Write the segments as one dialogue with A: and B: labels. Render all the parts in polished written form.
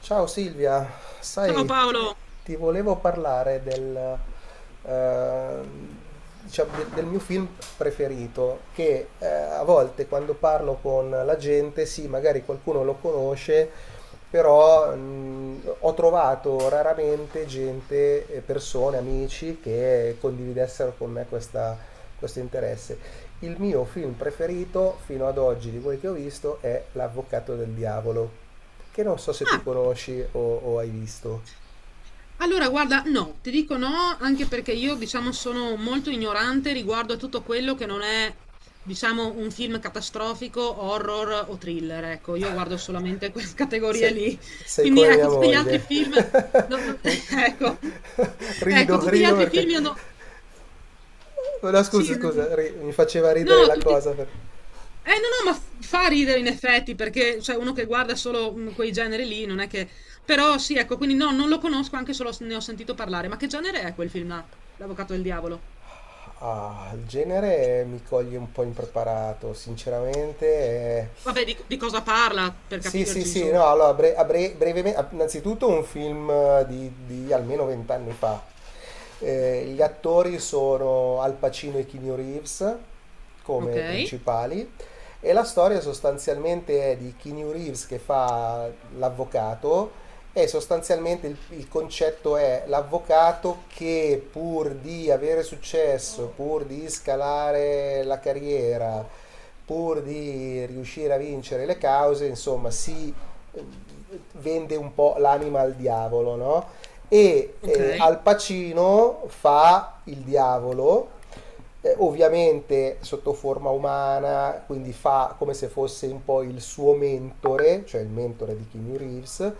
A: Ciao Silvia,
B: Ciao
A: sai,
B: Paolo.
A: ti volevo parlare eh, diciamo, del mio film preferito, che a volte quando parlo con la gente, sì, magari qualcuno lo conosce, però ho trovato raramente gente, persone, amici che condividessero con me questo interesse. Il mio film preferito fino ad oggi di quelli che ho visto è L'Avvocato del Diavolo, che non so se tu
B: Ah,
A: conosci o hai visto.
B: allora guarda, no, ti dico no, anche perché io, diciamo, sono molto ignorante riguardo a tutto quello che non è, diciamo, un film catastrofico, horror o thriller. Ecco, io guardo solamente quelle categorie
A: Se-
B: lì.
A: Sei
B: Quindi,
A: come
B: ecco,
A: mia
B: tutti gli altri
A: moglie.
B: film, no, no,
A: Mi-
B: ecco, ecco,
A: Rido,
B: tutti gli
A: rido
B: altri
A: perché...
B: film io no-
A: No,
B: Sì,
A: scusa,
B: no,
A: scusa, mi faceva ridere
B: no,
A: la
B: tutti...
A: cosa.
B: Eh no, no, ma fa ridere in effetti, perché cioè, uno che guarda solo quei generi lì non è che... Però sì, ecco, quindi no, non lo conosco, anche solo s- ne ho sentito parlare. Ma che genere è quel film là? L'Avvocato del Diavolo?
A: Ah, il genere mi coglie un po' impreparato, sinceramente.
B: Vabbè, di cosa parla, per
A: Sì, sì,
B: capirci,
A: sì,
B: insomma.
A: no, allora, brevemente, innanzitutto un film di almeno vent'anni fa. Gli attori sono Al Pacino e Keanu Reeves
B: Ok,
A: come principali. E la storia sostanzialmente è di Keanu Reeves che fa l'avvocato, e sostanzialmente il concetto è l'avvocato che pur di avere successo, pur di scalare la carriera, pur di riuscire a vincere le cause, insomma, si eh, vende un po' l'anima al diavolo, no? E
B: ok.
A: eh, Al Pacino fa il diavolo, ovviamente sotto forma umana, quindi fa come se fosse un po' il suo mentore, cioè il mentore di Keanu Reeves,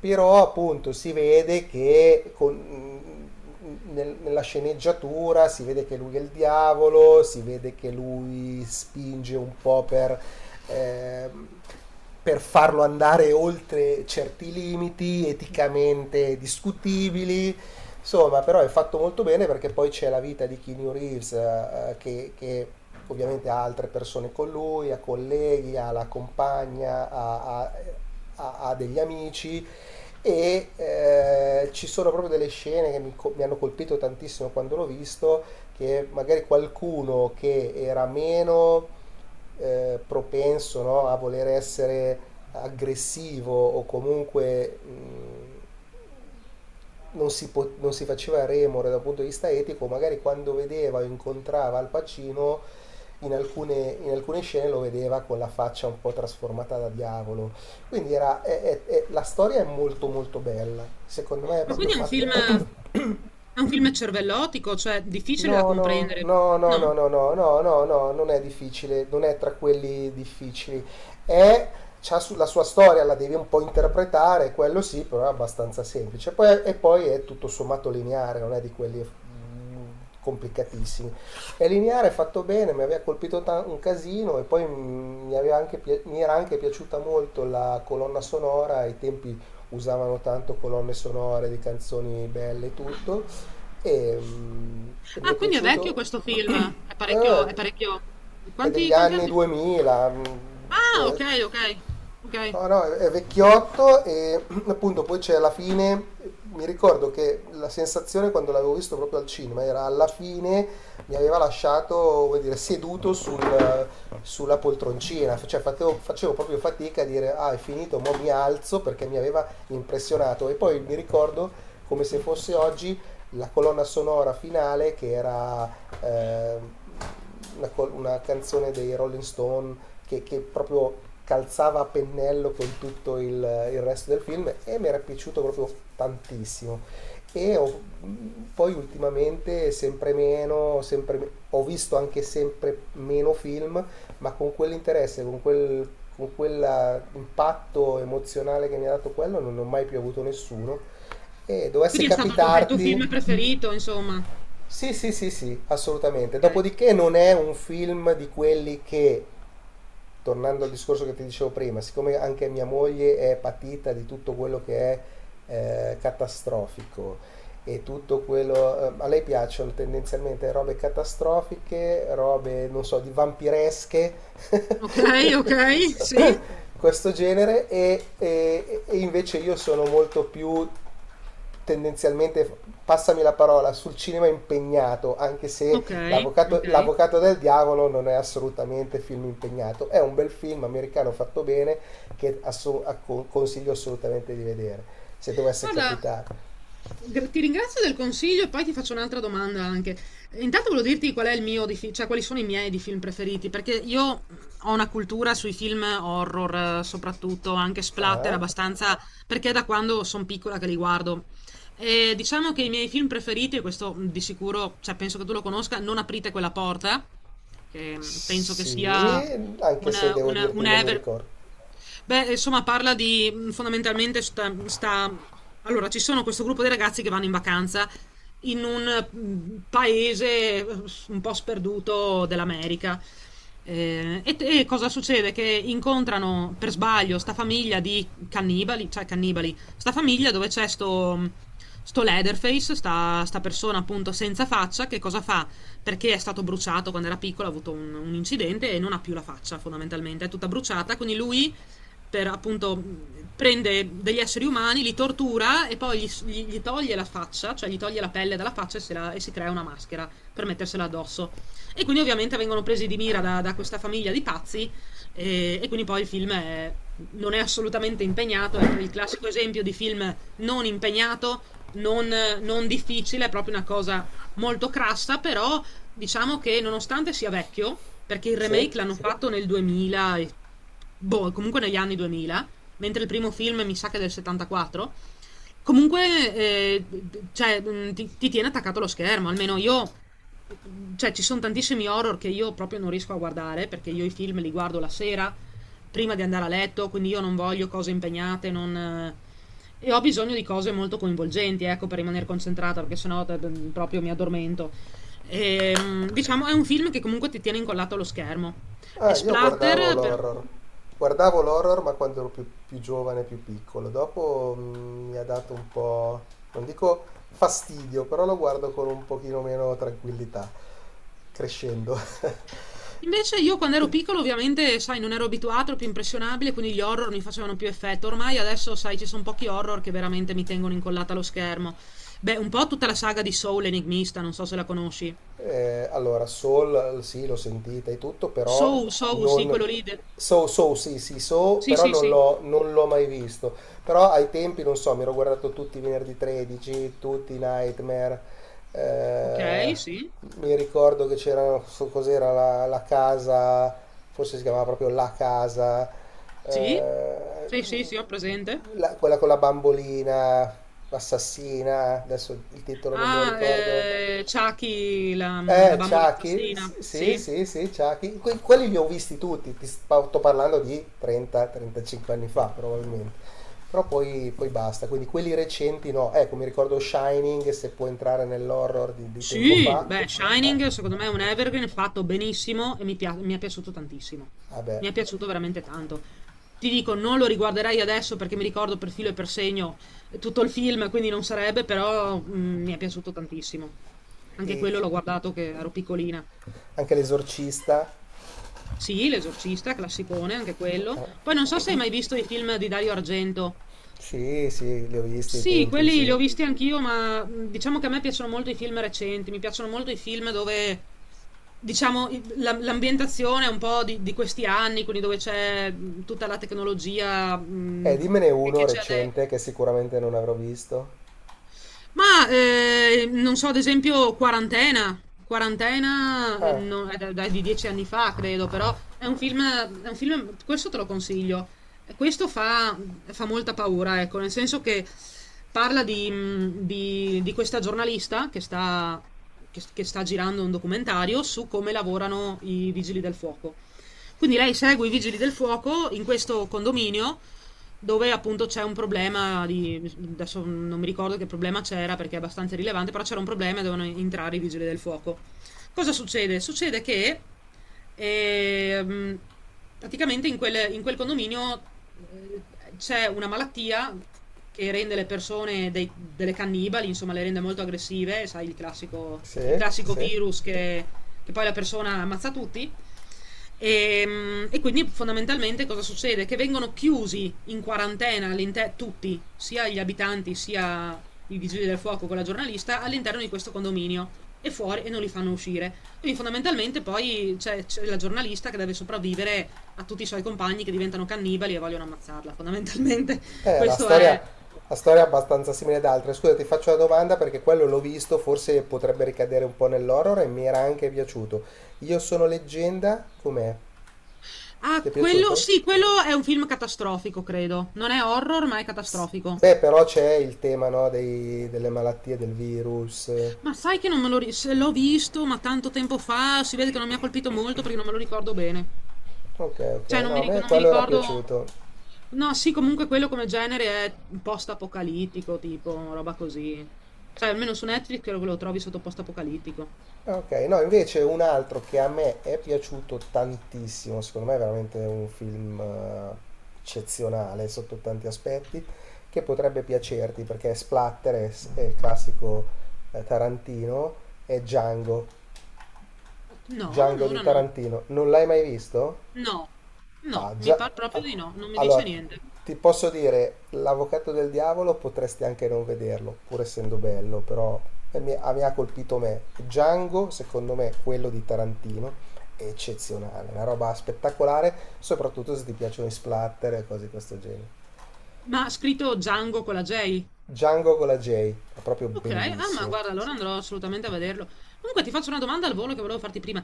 A: però appunto si vede che nella sceneggiatura si vede che lui è il diavolo, si vede che lui spinge un po' ehm, per farlo andare oltre certi limiti eticamente discutibili. Insomma, però è fatto molto bene perché poi c'è la vita di Keanu Reeves, che ovviamente ha altre persone con lui, ha colleghi, ha la compagna, ha degli amici, e ci sono proprio delle scene che mi hanno colpito tantissimo quando l'ho visto, che magari qualcuno che era meno propenso, no, a voler essere aggressivo o comunque non si faceva remore dal punto di vista etico, magari quando vedeva o incontrava Al Pacino in alcune scene lo vedeva con la faccia un po' trasformata da diavolo. Quindi era, è- la storia è molto molto bella, secondo me è
B: Ma
A: proprio
B: quindi è un
A: fatta.
B: film... È un film cervellotico, cioè difficile da
A: No, no,
B: comprendere,
A: no, no, no, no,
B: no?
A: no, no, no, no, non è difficile, non è tra quelli difficili. È, C'ha la sua storia, la devi un po' interpretare, quello sì, però è abbastanza semplice. E poi è tutto sommato lineare, non è di quelli complicatissimi. È lineare, è fatto bene, mi aveva colpito un casino e poi mi era anche piaciuta molto la colonna sonora. Ai tempi usavano tanto colonne sonore di canzoni belle e tutto, e, mm, e mi è
B: Ah, quindi è vecchio
A: piaciuto.
B: questo film, è parecchio... È
A: eh,
B: parecchio...
A: è
B: Quanti,
A: degli
B: quanti
A: anni
B: anni?
A: 2000.
B: Ah,
A: Eh,
B: okay, okay, okay.
A: no, no, è vecchiotto, e appunto poi c'è alla fine. Mi ricordo che la sensazione, quando l'avevo visto proprio al cinema, era alla fine mi aveva lasciato, vuol dire, seduto sulla poltroncina, cioè facevo proprio fatica a dire ah è finito, mo mi alzo, perché mi aveva impressionato. E poi mi ricordo come se fosse oggi la colonna sonora finale, che era eh, una canzone dei Rolling Stone che proprio calzava a pennello con tutto il resto del film, e mi era piaciuto proprio tantissimo. E ho- Poi ultimamente sempre meno, ho visto anche sempre meno film, ma con quell'interesse, con quell'impatto emozionale che mi ha dato quello, non ne ho mai più avuto nessuno. E dovesse
B: Quindi è il tuo
A: capitarti.
B: film preferito insomma.
A: Sì, sì, sì, sì, assolutamente.
B: Okay.
A: Dopodiché non è un film di quelli che, tornando al discorso che ti dicevo prima, siccome anche mia moglie è patita di tutto quello che è catastrofico e tutto quello. A lei piacciono tendenzialmente robe catastrofiche, robe, non so, di vampiresche,
B: Okay, okay, sì.
A: questo genere, e invece io sono molto più tendenzialmente, passami la parola, sul cinema impegnato, anche se
B: Okay, okay.
A: l'avvocato del diavolo non è assolutamente film impegnato, è un bel film americano fatto bene che consiglio assolutamente di vedere, se dovesse
B: Guarda,
A: capitare.
B: gra- ti ringrazio del consiglio e poi ti faccio un'altra domanda anche. Intanto volevo dirti qual è il mio di fi- cioè quali sono i miei di film preferiti, perché io ho una cultura sui film horror, soprattutto anche splatter
A: Ah,
B: abbastanza, perché è da quando sono piccola che li guardo. E diciamo che i miei film preferiti, e questo di sicuro, cioè penso che tu lo conosca, Non aprite quella porta, che penso che sia
A: sì, anche
B: un,
A: se devo
B: un
A: dirti non mi
B: ever...
A: ricordo.
B: Beh, insomma, parla di fondamentalmente sta allora, ci sono questo gruppo di ragazzi che vanno in vacanza in un paese un po' sperduto dell'America. E cosa succede? Che incontrano per sbaglio sta famiglia di cannibali, cioè cannibali, sta famiglia dove c'è sto Leatherface, sta persona appunto senza faccia, che cosa fa? Perché è stato bruciato quando era piccolo, ha avuto un incidente e non ha più la faccia fondamentalmente, è tutta bruciata, quindi lui per appunto prende degli esseri umani, li tortura e poi gli toglie la faccia, cioè gli toglie la pelle dalla faccia e, se la- e si crea una maschera per mettersela addosso. E quindi ovviamente vengono presi di mira da questa famiglia di pazzi e quindi poi il film è- non è assolutamente impegnato, è per il classico esempio di film non impegnato, non, non difficile, è proprio una cosa molto crassa, però. Diciamo che nonostante sia vecchio, perché il
A: Sì?
B: remake l'hanno, sì, fatto nel 2000, e- boh, comunque negli anni 2000, mentre il primo film mi sa che è del 74, comunque cioè, ti tiene attaccato allo schermo, almeno io, eh, cioè ci sono tantissimi horror che io proprio non riesco a guardare, perché io i film li guardo la sera, prima di andare a letto, quindi io non voglio cose impegnate, non... e ho bisogno di cose molto coinvolgenti, ecco, per rimanere concentrata, perché sennò proprio mi addormento. E, diciamo, è un film che comunque ti tiene incollato allo schermo. È
A: Io guardavo
B: splatter, per-
A: l'horror. Guardavo l'horror, ma quando ero più giovane, più piccolo. Dopo mi ha dato un po', non dico fastidio, però lo guardo con un pochino meno tranquillità, crescendo.
B: Invece io quando ero piccolo ovviamente, sai, non ero abituato, ero più impressionabile, quindi gli horror mi facevano più effetto. Ormai adesso, sai, ci sono pochi horror che veramente mi tengono incollata allo schermo. Beh, un po' tutta la saga di Soul Enigmista, non so se la conosci.
A: Allora, Soul, sì, l'ho sentita e tutto, però
B: Soul, Soul, sì,
A: non.
B: quello lì. De-
A: So, sì, sì, so,
B: Sì,
A: però
B: sì,
A: non
B: sì.
A: l'ho, non l'ho mai visto. Però ai tempi, non so, mi ero guardato tutti i Venerdì 13, tutti i Nightmare. eh,
B: Ok, sì.
A: Mi ricordo che c'era, non so cos'era, la casa, forse si chiamava proprio La Casa,
B: Sì?
A: eh,
B: Sì, sì, sì, ho presente.
A: quella con la bambolina assassina, adesso il titolo non me lo
B: Ah,
A: ricordo.
B: Chucky, la bambola
A: Chucky,
B: assassina.
A: sì,
B: Sì.
A: sì, sì, Chucky. Quelli li ho visti tutti, sto parlando di 30-35 anni fa probabilmente. Però poi basta, quindi quelli recenti no, ecco, mi ricordo Shining, se può entrare nell'horror di tempo
B: Sì,
A: fa.
B: beh,
A: eh,
B: Shining secondo me è un evergreen fatto benissimo e mi pia- mi è piaciuto tantissimo.
A: Vabbè,
B: Mi è piaciuto veramente tanto. Ti dico, non lo riguarderei adesso perché mi ricordo per filo e per segno tutto il film, quindi non sarebbe, però mi è piaciuto tantissimo. Anche
A: e
B: quello l'ho guardato che ero piccolina.
A: anche l'Esorcista,
B: Sì, L'esorcista, classicone anche quello. Poi non so se hai mai visto i film di Dario Argento.
A: sì, sì, li ho visti ai
B: Sì,
A: tempi,
B: quelli
A: sì.
B: li ho visti anch'io, ma diciamo che a me piacciono molto i film recenti, mi piacciono molto i film dove, diciamo, i- la- l'ambientazione è un po' di questi anni, quindi dove c'è tutta la tecnologia
A: Dimmene
B: che
A: uno
B: c'è adesso.
A: recente che sicuramente non avrò visto.
B: Ma non so, ad esempio, Quarantena. Quarantena
A: Ah,
B: no- è, da- da- è di 10 anni fa, credo, però è un film, questo te lo consiglio. Questo fa molta paura, ecco, nel senso che parla di questa giornalista che sta girando un documentario su come lavorano i vigili del fuoco. Quindi lei segue i vigili del fuoco in questo condominio dove appunto c'è un problema di, adesso non mi ricordo che problema c'era perché è abbastanza rilevante, però c'era un problema e dovevano entrare i vigili del fuoco. Cosa succede? Succede che ehm, praticamente in quel condominio eh, c'è una malattia che rende le persone dei- delle cannibali, insomma le rende molto aggressive, sai il
A: sì,
B: classico
A: sì.
B: virus che poi la persona ammazza tutti. E quindi fondamentalmente cosa succede? Che vengono chiusi in quarantena all'inter- tutti, sia gli abitanti sia i vigili del fuoco con la giornalista, all'interno di questo condominio e fuori e non li fanno uscire. Quindi fondamentalmente poi c'è la giornalista che deve sopravvivere a tutti i suoi compagni che diventano cannibali e vogliono ammazzarla, fondamentalmente.
A: Eh, la
B: Questo è...
A: storia, la storia è abbastanza simile ad altre. Scusa, ti faccio una domanda, perché quello l'ho visto, forse potrebbe ricadere un po' nell'horror e mi era anche piaciuto. Io sono leggenda, com'è?
B: Ah,
A: Ti è
B: quello...
A: piaciuto?
B: Sì, quello è un film catastrofico, credo. Non è horror, ma è catastrofico.
A: Beh, però c'è il tema, no, delle malattie, del virus.
B: Ma sai che non me lo ri- se l'ho visto, ma tanto tempo fa, si vede che non mi ha colpito molto perché non me lo ricordo bene.
A: Ok, ok,
B: Cioè, non
A: no,
B: mi,
A: a
B: ric-
A: me
B: non mi
A: quello era
B: ricordo.
A: piaciuto.
B: No, sì, comunque quello come genere è post-apocalittico, tipo, roba così. Cioè, almeno su Netflix credo che lo trovi sotto post-apocalittico.
A: Ok, no, invece un altro che a me è piaciuto tantissimo, secondo me è veramente un film eccezionale sotto tanti aspetti, che potrebbe piacerti perché è splatter, è il classico Tarantino, è Django.
B: No,
A: Django di
B: allora no.
A: Tarantino. Non l'hai mai visto?
B: No, no,
A: Ah,
B: mi
A: già.
B: pare proprio
A: ah,
B: di no, non mi dice
A: Allora,
B: niente.
A: ti posso dire, l'avvocato del diavolo potresti anche non vederlo, pur essendo bello, però mi ha colpito me. Django, secondo me, quello di Tarantino, è eccezionale, una roba spettacolare, soprattutto se ti piacciono i splatter e cose di questo genere.
B: Ma ha scritto Django con la J?
A: Django con la J, è proprio
B: Ok, ah ma
A: bellissimo.
B: guarda, allora andrò assolutamente a vederlo. Comunque ti faccio una domanda al volo che volevo farti prima.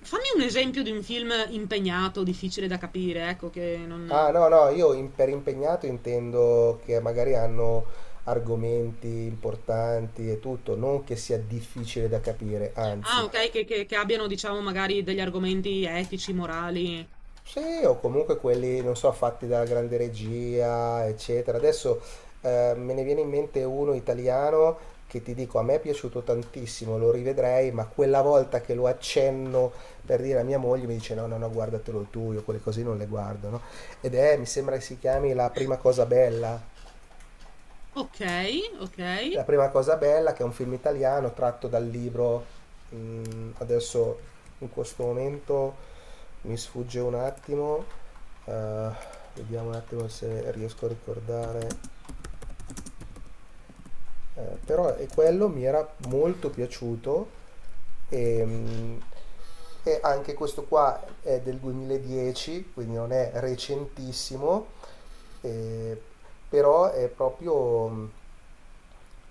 B: Fammi un esempio di un film impegnato, difficile da capire, ecco, che
A: Ah,
B: non...
A: no, no, io per impegnato intendo che magari hanno argomenti importanti e tutto, non che sia difficile da capire,
B: Ah,
A: anzi.
B: ok, che abbiano, diciamo, magari degli argomenti etici, morali.
A: Sì, o comunque quelli, non so, fatti dalla grande regia, eccetera. Adesso me ne viene in mente uno italiano che, ti dico, a me è piaciuto tantissimo, lo rivedrei, ma quella volta che lo accenno per dire a mia moglie mi dice no, no, no, guardatelo tu, io quelle cose non le guardo, no? Ed è, mi sembra che si chiami La prima cosa bella.
B: Ok, ok.
A: La prima cosa bella che è un film italiano tratto dal libro, adesso in questo momento mi sfugge un attimo, eh, vediamo un attimo se riesco a ricordare, però è quello mi era molto piaciuto, e, mh, e anche questo qua è del 2010, quindi non è recentissimo, eh, però è proprio.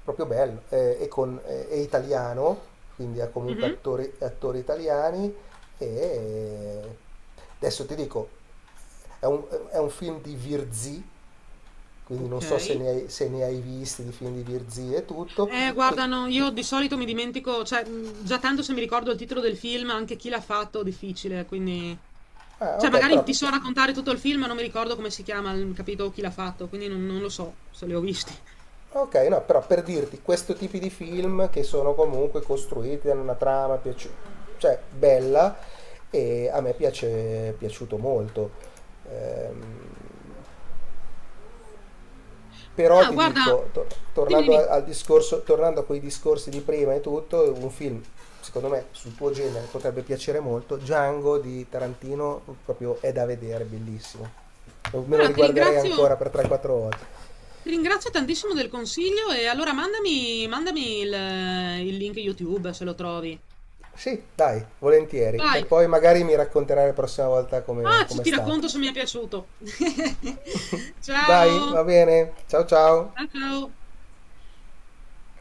A: Proprio bello, è italiano, quindi ha comunque
B: Mhm.
A: attori italiani, e eh, adesso ti dico, è un, è un film di Virzi, quindi non
B: Ok.
A: so se ne hai visti di film di Virzi e tutto, ti-
B: Guarda, no, io di solito mi dimentico, cioè, già tanto se mi ricordo il titolo del film, anche chi l'ha fatto, difficile, quindi... Cioè,
A: ok,
B: magari
A: però,
B: ti so raccontare tutto il film, ma non mi ricordo come si chiama, il- capito chi l'ha fatto, quindi non lo so se li ho visti.
A: ok, no, però per dirti, questo tipo di film che sono comunque costruiti, hanno una trama, cioè bella, e a me piace, è piaciuto molto. Ehm, Però
B: Ah,
A: ti
B: guarda,
A: dico,
B: dimmi,
A: tornando
B: dimmi.
A: al discorso, tornando a quei discorsi di prima e tutto, un film, secondo me, sul tuo genere potrebbe piacere molto, Django di Tarantino proprio è da vedere, bellissimo. Me lo
B: Guarda,
A: riguarderei ancora per 3-4 volte.
B: ti ringrazio tantissimo del consiglio e allora mandami, mandami il link YouTube se lo trovi.
A: Sì, dai, volentieri. E
B: Vai.
A: poi magari mi racconterai la prossima volta come,
B: Ah, ci-
A: come è
B: ti
A: stato.
B: racconto se mi è piaciuto.
A: Dai,
B: Ciao.
A: va bene. Ciao, ciao.
B: Ciao. Ciao.